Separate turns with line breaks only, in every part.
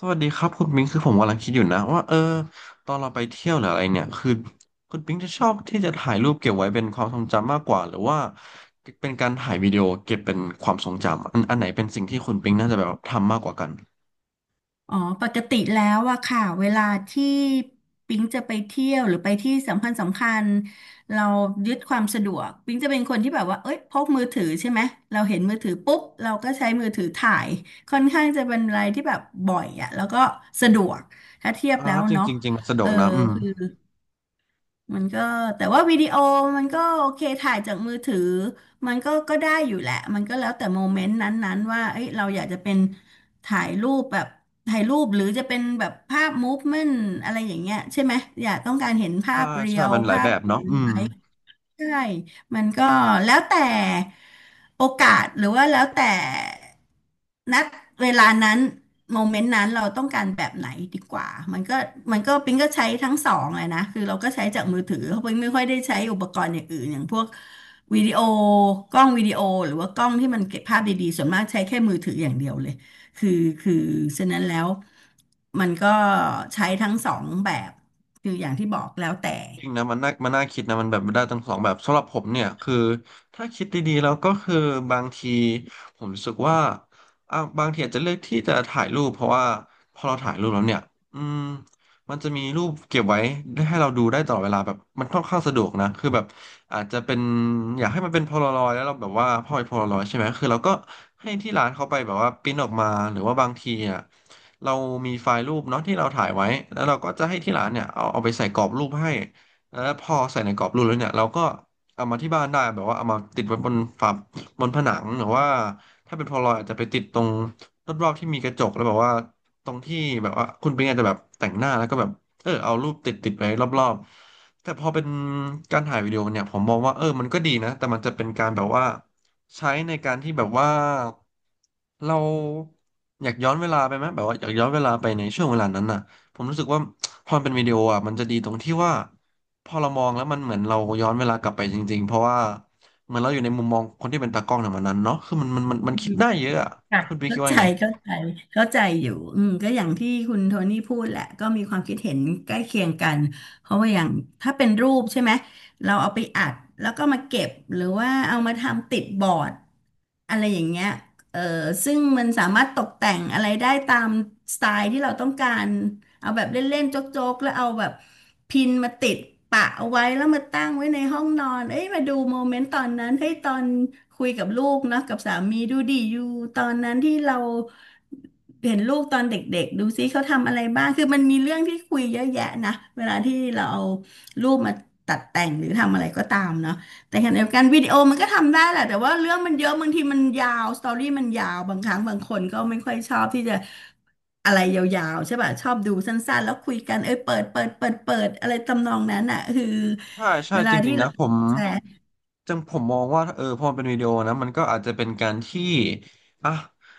สวัสดีครับคุณปิงคือผมกำลังคิดอยู่นะว่าตอนเราไปเที่ยวหรืออะไรเนี่ยคือคุณปิงจะชอบที่จะถ่ายรูปเก็บไว้เป็นความทรงจำมากกว่าหรือว่าเป็นการถ่ายวิดีโอเก็บเป็นความทรงจำอันไหนเป็นสิ่งที่คุณปิงน่าจะแบบทำมากกว่ากัน
อ๋อปกติแล้วอะค่ะเวลาที่ปิ๊งจะไปเที่ยวหรือไปที่สำคัญสำคัญเรายึดความสะดวกปิ๊งจะเป็นคนที่แบบว่าเอ้ยพกมือถือใช่ไหมเราเห็นมือถือปุ๊บเราก็ใช้มือถือถ่ายค่อนข้างจะเป็นอะไรที่แบบบ่อยอะแล้วก็สะดวกถ้าเทียบแล้ว
จริง
เนาะ
จริงจริงมันสะด
เอ
วก
อ
นะอืม
มันก็แต่ว่าวิดีโอมันก็โอเคถ่ายจากมือถือมันก็ได้อยู่แหละมันก็แล้วแต่โมเมนต์นั้นๆว่าเอ้ยเราอยากจะเป็นถ่ายรูปแบบถ่ายรูปหรือจะเป็นแบบภาพมูฟเมนต์อะไรอย่างเงี้ยใช่ไหมอยากต้องการเห็นภา
ใช่
พเรี
ใช่
ยว
มันหลาย
ภา
แบ
พ
บเนาะอืม
ใช่ มันก็แล้วแต่โอกาสหรือว่าแล้วแต่นัดเวลานั้นโมเมนต์นั้นเราต้องการแบบไหนดีกว่ามันก็มันก็ปิงก็ใช้ทั้งสองเลยนะคือเราก็ใช้จากมือถือเพราะปิงไม่ค่อยได้ใช้อุปกรณ์อย่างอื่นอย่างพวกวิดีโอกล้องวิดีโอหรือว่ากล้องที่มันเก็บภาพดีๆส่วนมากใช้แค่มือถืออย่างเดียวเลยคือคือฉะนั้นแล้วมันก็ใช้ทั้งสองแบบคืออย่างที่บอกแล้วแต่
จริงนะมันน่าคิดนะมันแบบได้ทั้งสองแบบสำหรับผมเนี่ยคือถ้าคิดดีๆแล้วก็คือบางทีผมรู้สึกว่าอ่ะบางทีอาจจะเลือกที่จะถ่ายรูปเพราะว่าพอเราถ่ายรูปแล้วเนี่ยอืมมันจะมีรูปเก็บไว้ได้ให้เราดูได้ตลอดเวลาแบบมันค่อนข้างสะดวกนะคือแบบอาจจะเป็นอยากให้มันเป็นโพลารอยแล้วเราแบบว่าพอเป็นโพลารอยใช่ไหมคือเราก็ให้ที่ร้านเขาไปแบบว่าปริ้นออกมาหรือว่าบางทีอ่ะเรามีไฟล์รูปเนาะที่เราถ่ายไว้แล้วเราก็จะให้ที่ร้านเนี่ยเอาไปใส่กรอบรูปให้ พอใส่ในกรอบรูปแล้วเนี่ยเราก็เอามาที่บ้านได้แบบว่าเอามาติดไว้บนฝาบนผนังหรือว่าถ้าเป็นพอลรอยอาจจะไปติดตรงรอบๆที่มีกระจกแล้วแบบว่าตรงที่แบบว่าคุณเป็นไงจจะแบบแต่งหน้าแล้วก็แบบเอารูปติดไว้รอบๆแต่พอเป็นการถ่ายวิดีโอเนี่ยผมมองว่ามันก็ดีนะแต่มันจะเป็นการแบบว่าใช้ในการที่แบบว่าเราอยากย้อนเวลาไปไหมแบบว่าอยากย้อนเวลาไปในช่วงเวลานั้นน่ะผมรู้สึกว่าพอมันเป็นวิดีโออ่ะมันจะดีตรงที่ว่า พอเรามองแล้วมันเหมือนเราย้อนเวลากลับไปจริงๆ เพราะว่าเหมือนเราอยู่ในมุมมองคนที่เป็นตากล้องในวันนั้นเนาะคือมันคิดได้เยอะอะ
ค่ะ
คุณพี่คิ
เข้า
ดว่า
ใจ
ไง
เข้าใจเข้าใจอยู่อืมก็อย่างที่คุณโทนี่พูดแหละก็มีความคิดเห็นใกล้เคียงกันเพราะว่าอย่างถ้าเป็นรูปใช่ไหมเราเอาไปอัดแล้วก็มาเก็บหรือว่าเอามาทำติดบอร์ด อะไรอย่างเงี้ยเออซึ่งมันสามารถตกแต่งอะไรได้ตามสไตล์ที่เราต้องการเอาแบบเล่นๆโจ๊กๆแล้วเอาแบบพินมาติดปะเอาไว้แล้วมาตั้งไว้ในห้องนอนเอ้ยมาดูโมเมนต์ตอนนั้นเฮ้ยตอนคุยกับลูกเนาะกับสามีดูดิอยู่ตอนนั้นที่เราเห็นลูกตอนเด็กๆดูซิเขาทำอะไรบ้างคือมันมีเรื่องที่คุยเยอะแยะนะเวลาที่เราเอารูปมาตัดแต่งหรือทำอะไรก็ตามเนาะ แต่ขณะเดียวกันวิดีโอมันก็ทำได้แหละแต่ว่าเรื่องมันเยอะบางทีมันยาวสตอรี่มันยาวบางครั้งบางคนก็ไม่ค่อยชอบที่จะอะไรยาวๆใช่ป่ะชอบดูสั้นๆแล้วคุยกันเอ้ยเปิดอะไรทำนองนั้นอ่ะคือ
ใช่
เว
ใช่จ
ลาที่
ริงๆ
เรา
นะผม
แชร์
จังผมมองว่าพอมันเป็นวิดีโอนะมันก็อาจจะเป็นการที่อ่ะ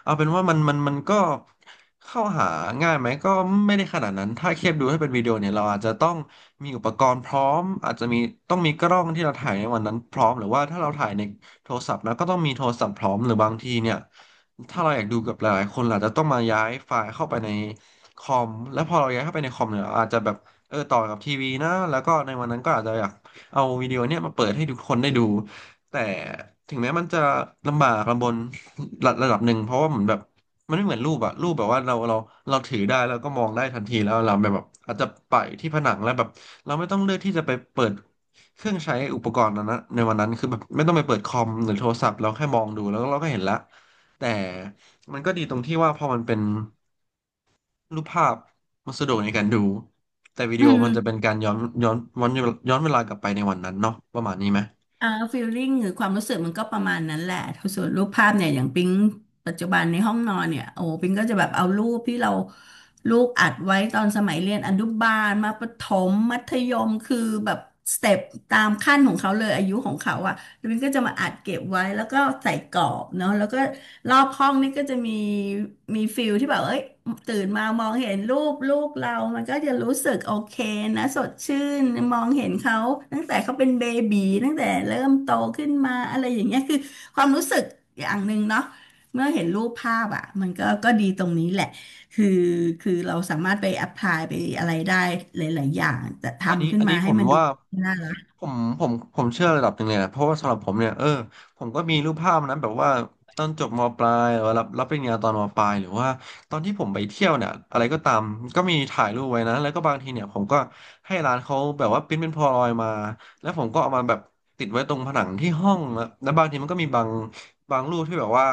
เอาเป็นว่ามันก็เข้าหาง่ายไหมก็ไม่ได้ขนาดนั้นถ้าเทียบดูให้เป็นวิดีโอเนี่ยเราอาจจะต้องมีอุปกรณ์พร้อมอาจจะมีต้องมีกล้องที่เราถ่ายในวันนั้นพร้อมหรือว่าถ้าเราถ่ายในโทรศัพท์นะก็ต้องมีโทรศัพท์พร้อมหรือบางทีเนี่ยถ้าเราอยากดูกับหลายๆคนเราอาจจะต้องมาย้ายไฟล์เข้าไปในคอมแล้วพอเราย้ายเข้าไปในคอมเนี่ยเราอาจจะแบบต่อกับทีวีนะแล้วก็ในวันนั้นก็อาจจะอยาก เอาวิดีโอเนี่ยมาเปิดให้ทุกคนได้ดูแต่ถึงแม้มันจะลำบากลำบนระดับหนึ่งเพราะว่าเหมือนแบบมันไม่เหมือนรูปอะรูปแบบว่าเราถือได้แล้วก็มองได้ทันทีแล้วเราแบบอาจจะไปที่ผนังแล้วแบบเราไม่ต้องเลือกที่จะไปเปิดเครื่องใช้อุปกรณ์นั้นนะในวันนั้นคือแบบไม่ต้องไปเปิดคอมหรือโทรศัพท์เราแค่มองดูแล้วเราก็เห็นละแต่มันก็ดีตรงที่ว่าพอมันเป็น รูปภาพมันสะดวกในการดูแต่วิ
อื
ดีโอ
ม
มันจะเป็นการย้อนย้อนย้อนเวลากลับไปในวันนั้นเนาะประมาณนี้ไหม
อ่าฟีลลิ่งหรือความรู้สึกมันก็ประมาณนั้นแหละส่วนรูปภาพเนี่ยอย่างปิ๊งปัจจุบันในห้องนอนเนี่ยโอ้ปิ๊งก็จะแบบเอารูปที่เราลูกอัดไว้ตอนสมัยเรียนอนุบาลมาประถมมัธยมคือแบบสเต็ปตามขั้นของเขาเลยอายุของเขาอ่ะแล้วปิ๊งก็จะมาอัดเก็บไว้แล้วก็ใส่กรอบเนาะแล้วก็รอบห้องนี่ก็จะมี มีฟิลที่แบบเอ้ยตื่นมามองเห็นรูปลูกเรา มันก็จะรู้สึกโอเคนะสดชื่นมองเห็นเขาตั้งแต่เขาเป็นเบบีตั้งแต่เริ่มโตขึ้นมาอะไรอย่างเงี้ยคือความรู้สึกอย่างหนึ่งเนาะเมื่อเห็นรูปภาพอ่ะมันก็ดีตรงนี้แหละคือคือเราสามารถไปแอพพลายไปอะไรได้หลายๆอย่างแต่ทำขึ้น
อันนี้
มา
ผ
ให้
ม
มันดู
ว่า
น่ารัก
ผมผมเชื่อระดับหนึ่งเลยนะเพราะว่าสำหรับผมเนี่ยผมก็มีรูปภาพนั้นแบบว่าตอนจบมปลายหรือว่ารับปริญญาตอนมปลายหรือว่าตอนที่ผมไปเที่ยวเนี่ยอะไรก็ตามก็มีถ่ายรูปไว้นะแล้วก็บางทีเนี่ยผมก็ให้ร้านเขาแบบว่าพิมพ์เป็นโพลารอยด์มาแล้วผมก็เอามาแบบติดไว้ตรงผนังที่ห้องแล้วแล้วบางทีมันก็มีบาง บางรูปที่แบบว่า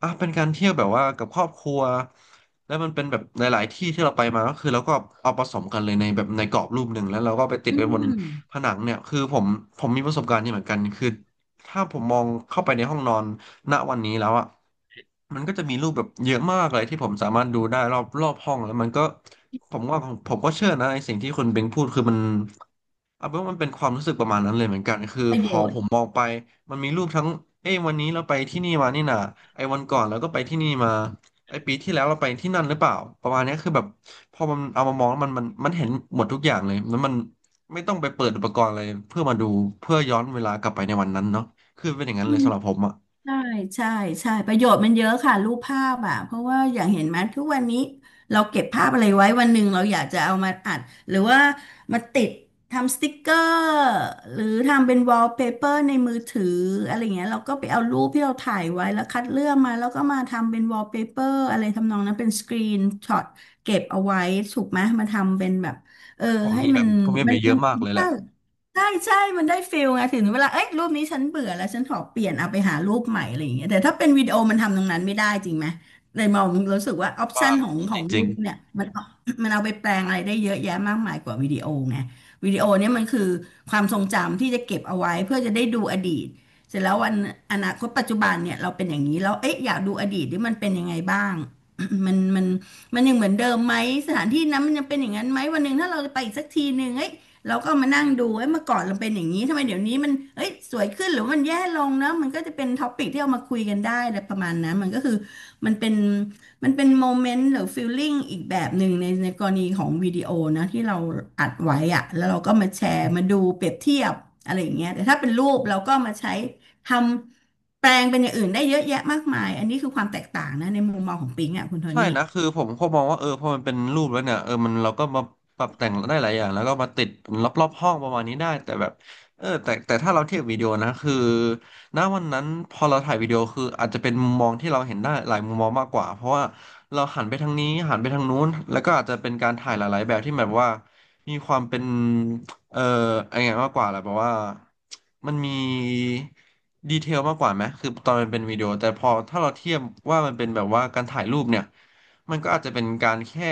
อ่ะเป็นการเที่ยวแบบว่ากับครอบครัวแล้วมันเป็นแบบหลายๆ ที่ที่เราไปมาก็คือเราก็เอาผสมกันเลยในแบบในกรอบรูปหนึ่งแล้วเราก็ไปติด
อื
ไว้บนผ
ม
นังเนี่ยคือผมมีประสบการณ์นี้เหมือนกันคือถ้าผมมองเข้าไปในห้องนอนณวันนี้แล้วอ่ะมันก็จะมีรูปแบบเยอะมากเลยที่ผมสามารถดูได้รอบห้องแล้วมันก็ผมว่าผมก็เชื่อนะในสิ่งที่คุณเบงพูดคือมัน อ่ะเพราวมันเป็นความรู้สึกประมาณนั้นเลยเหมือนกันคือ
ประ
พ
โย
อ
ช
ผ
น์
มมองไปมันมีรูปทั้งเอ้ยวันนี้เราไปที่นี่มานี่นะไอ้วันก่อนเราก็ไปที่นี่มาไอ้ปีที่แล้วเราไปที่นั่นหรือเปล่าประมาณเนี้ยคือแบบพอมันเอามามองแล้วมันเห็นหมดทุกอย่างเลยแล้วมันไม่ต้องไปเปิดอุปกรณ์อะไรเพื่อมาดูเพื่อย้อนเวลากลับไปในวันนั้นเนาะคือเป็นอย่างนั้น
อื
เลย
ม
สำหรับผมอ่ะ
ใช่ใช่ใช่ประโยชน์มันเยอะค่ะรูปภาพอ่ะเพราะว่าอย่างเห็นไหมทุกวันนี้เราเก็บภาพอะไรไว้วันหนึ่งเราอยากจะเอามาอัดหรือว่ามาติดทำสติกเกอร์หรือทำเป็นวอลเปเปอร์ในมือถืออะไรเงี้ยเราก็ไปเอารูปที่เราถ่ายไว้แล้วคัดเลือกมาแล้วก็มาทำเป็นวอลเปเปอร์อะไรทำนองนั้นเป็นสกรีนช็อตเก็บเอาไว้ถูกไหมมาทำเป็นแบบเออ
ผม
ให้
มีแบ
มัน
บผมมี
มั
แบ
น
บเย
มั
อะ
น
มากเลยแหละ
ใช่ มันได้ฟิลไงถึงเวลาเอ้ยรูปนี้ฉันเบื่อแล้วฉันขอเปลี่ยนเอาไปหารูปใหม่อะไรอย่างเงี้ยแต่ถ้าเป็นวิดีโอมันทำตรงนั้นไม่ได้จริงไหมเลยมองรู้สึกว่าออปชั
ว่า
นของ
จริ
รู
ง
ปเนี่ยมันเอาไปแปลงอะไรได้เยอะแยะมากมายกว่าวิดีโอไงวิดีโอเนี่ยมันคือความทรงจำที่จะเก็บเอาไว้เพื่อจะได้ดูอดีตเสร็จแล้ววันอนาคตปัจจุบันเนี่ยเราเป็นอย่างนี้แล้วเอ๊ะอยากดูอดีตที่มันเป็นยังไงบ้าง มันมันมันยังเหมือนเดิมไหมสถานที่นั้นมันยังเป็นอย่างนั้นไหมวันหนึ่งถ้าเราไปอีกสักทีหนึ่งเอ้ย เราก็มานั่งดูเอ้ยเมื่อก่อนเราเป็นอย่างนี้ทำไมเดี๋ยวนี้มันเอ้ยสวยขึ้นหรือมันแย่ลงเนอะมันก็จะเป็นท็อปิกที่เอามาคุยกันได้อะไรประมาณนั้นมันก็คือมันเป็นมันเป็นโมเมนต์หรือฟีลลิ่งอีกแบบหนึ่งในกรณีของวิดีโอนะที่เราอัดไว้อะแล้วเราก็มาแชร์มาดูเปรียบเทียบอะไรอย่างเงี้ยแต่ถ้าเป็นรูปเราก็มาใช้ทำแปลงเป็นอย่างอื่นได้เยอะแยะมากมายอันนี้คือความแตกต่างนะในมุมมองของปิงอ่ะคุณโท
ใช่
นี่
นะคือผมก็มองว่าเออพอมันเป็นรูปแล้วเนี่ยเออมันเราก็มาปรับแต่งได้หลายอย่างแล้วก็มาติดรอบๆห้องประมาณนี้ได้แต่แบบเออแต่ถ้าเราเทียบวิดีโอนะคือณวันนั้นพอเราถ่ายวิดีโอคืออาจจะเป็นมุมมองที่เราเห็นได้หลายมุมมองมากกว่าเพราะว่าเราหันไปทางนี้หันไปทางนู้นแล้วก็อาจจะเป็นการถ่ายหลายๆแบบที่แบบว่ามีความเป็น เอ่อไอ้ไงมากกว่าแหละเพราะว่ามันมีดีเทลมากกว่าไหมคือตอนมันเป็นวิดีโอแต่พอถ้าเราเทียบว่ามันเป็นแบบว่าการถ่ายรูปเนี่ยมันก็อาจจะเป็นการแค่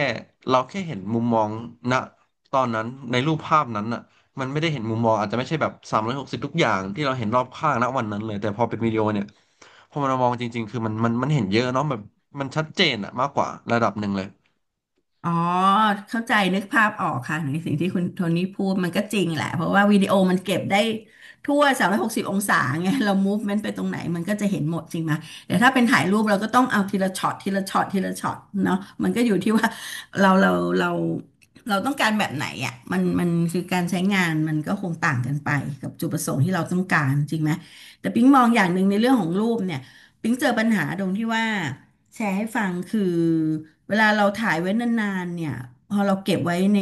เราแค่เห็นมุมมองณตอนนั้นในรูปภาพนั้นอ่ะมันไม่ได้เห็นมุมมองอาจจะไม่ใช่แบบ360ทุกอย่างที่เราเห็นรอบข้างณวันนั้นเลยแต่พอเป็นวิดีโอเนี่ยพอมันมามองจริงๆคือมันเห็นเยอะเนาะแบบมันชัดเจนอะมากกว่าระดับหนึ่งเลย
อ๋อเข้าใจนึกภาพออกค่ะในสิ่งที่คุณโทนี่พูดมันก็จริงแหละเพราะว่าวิดีโอมันเก็บได้ทั่ว360อยหกสิบองศาไงเรามูฟเมนต์ไปตรงไหนมันก็จะเห็นหมดจริงไหมแต่ถ้าเป็นถ่ายรูปเราก็ต้องเอาทีละช็อตทีละช็อตทีละช็อตเนาะมันก็อยู่ที่ว่าเราเราเราเราต้องการแบบไหนอ่ะมันคือการใช้งานมันก็คงต่างกันไปกับจุดประสงค์ที่เราต้องการจริงไหมแต่ปิ๊งมองอย่างหนึ่งในเรื่องของรูปเนี่ยปิ๊งเจอปัญหาตรงที่ว่าแชร์ให้ฟังคือ เวลาเราถ่ายไว้นานๆเนี่ยพอเราเก็บไว้ใน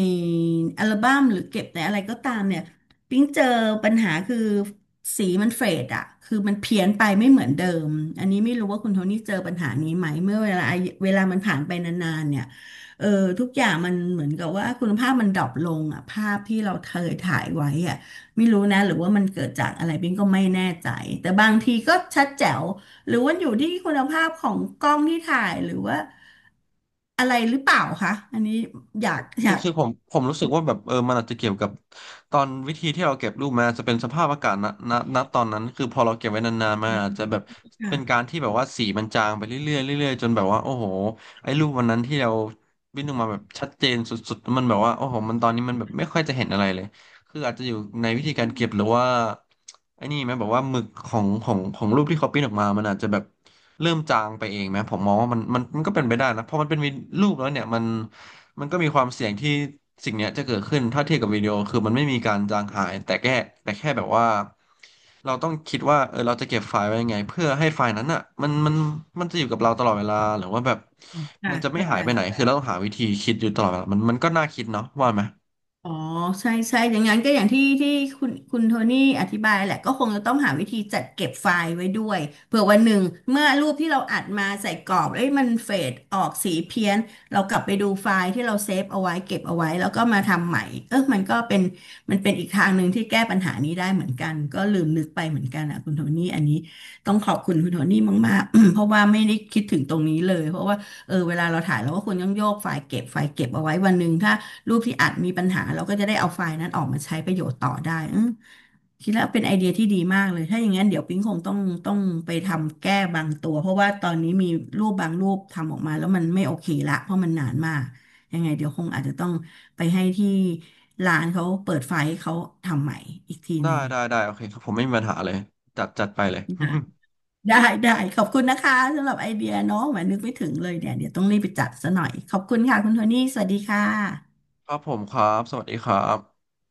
อัลบั้มหรือเก็บในอะไรก็ตามเนี่ยปิ๊งเจอปัญหาคือสีมันเฟดอะคือมันเพี้ยนไปไม่เหมือนเดิมอันนี้ไม่รู้ว่าคุณโทนี่เจอปัญหานี้ไหมเมื่อเวลามันผ่านไปนานๆเนี่ยเออทุกอย่างมันเหมือนกับว่าคุณภาพมันดรอปลงอะภาพที่เราเคยถ่ายไว้อะ ไม่รู้นะหรือว่ามันเกิดจากอะไรบิงก็ไม่แน่ใจแต่บางทีก็ชัดแจ๋วหรือว่าอยู่ที่คุณภาพของกล้องที่ถ่ายหรือว่าอะไรหรือเปล่าคะอันนี้อยากอ
คือ
ยาก
คือผมรู้สึกว่าแบบเออมันอาจจะเกี่ยวกับตอนวิธีที่เราเก็บรูปมาอาจจะเป็นสภาพอากาศณตอนนั้นคือพอเราเก็บไว้นานๆมาอาจจะแบบเป็นการที่แบบว่าสีมันจางไปเรื่อยๆเรื่อยๆจนแบบว่าโอ้โหไอ้รูปวันนั้นที่เราวิ่งออกมาแบบชัดเจนสุดๆมันแบบว่าโอ้โหมันตอนนี้มันแบบไม่ค่อยจะเห็นอะไรเลย คืออาจจะอยู่ในวิธีการเก็บหรือว่าไอ้นี่ไหมบอกว่าหมึกของรูปที่เขาปิ้นออกมามันอาจจะแบบเริ่มจางไปเองไหมผมมองว่ามันก็เป็นไปได้นะเพราะมันเป็นวิรูปแล้วเนี่ยมันก็มีความเสี่ยงที่สิ่งเนี้ยจะเกิดขึ้นถ้าเทียบกับวิดีโอคือมันไม่มีการจางหายแต่แค่แบบว่าเราต้องคิดว่าเออเราจะเก็บไฟล์ไว้ยังไงเพื่อให้ไฟล์นั้นอ่ะมันจะอยู่กับเราตลอดเวลาหรือว่าแบบ
อ่ะ
มันจะไม่
เข้า
หา
ใจ
ยไปไหนคือเราต้องหาวิธีคิดอยู่ตลอดเวลามันก็น่าคิดเนาะว่าไหม
อ๋อใช่ใช่อย่างนั้นก็อย่างที่คุณโทนี่อธิบายแหละก็คงจะต้องหาวิธีจัดเก็บไฟล์ไว้ด้วยเผื่อวันหนึ่งเมื่อรูปที่เราอัดมาใส่กรอบเอ้ยมันเฟดออกสีเพี้ยนเรากลับไปดูไฟล์ที่เราเซฟเอาไว้เก็บเอาไว้แล้วก็มาทำใหม่เออมันก็เป็นอีกทางหนึ่งที่แก้ปัญหานี้ได้เหมือนกันก็ลืมนึกไปเหมือนกันอ่ะคุณโทนี่อันนี้ต้องขอบคุณคุณโทนี่มากๆ เพราะว่าไม่ได้คิดถึงตรงนี้เลยเพราะว่าเออเวลาเราถ่ายเราก็ควรต้องโยกไฟล์เก็บไฟล์เก็บเอาไว้วันหนึ่งถ้า รูปที่อัดมีปัญหาเราก็จะได้เอาไฟล์นั้นออกมาใช้ประโยชน์ต่อได้อืมคิดแล้วเป็นไอเดียที่ดีมากเลยถ้าอย่างนั้นเดี๋ยวปิ๊งคงต้องไปทำแก้บางตัวเพราะว่าตอนนี้มีรูปบางรูปทำออกมาแล้วมันไม่โอเคละเพราะมันนานมากยังไงเดี๋ยวคงอาจจะต้องไปให้ที่ร้านเขาเปิดไฟล์ให้เขาทำใหม่อีกทีห
ได้
นึ่ง
ได้ได้โอเคครับผมไม่มีปัญหาเลยจัดไปเลย
นะ ได้ได้ขอบคุณนะคะสำหรับไอเดียเนาะแหมนึกไม่ถึงเลยเนี่ยเดี๋ยวต้องรีบไปจัดซะหน่อยขอบคุณค่ะคุณโทนี่สวัสดีค่ะ
ครับผมครับสวัสดีครับ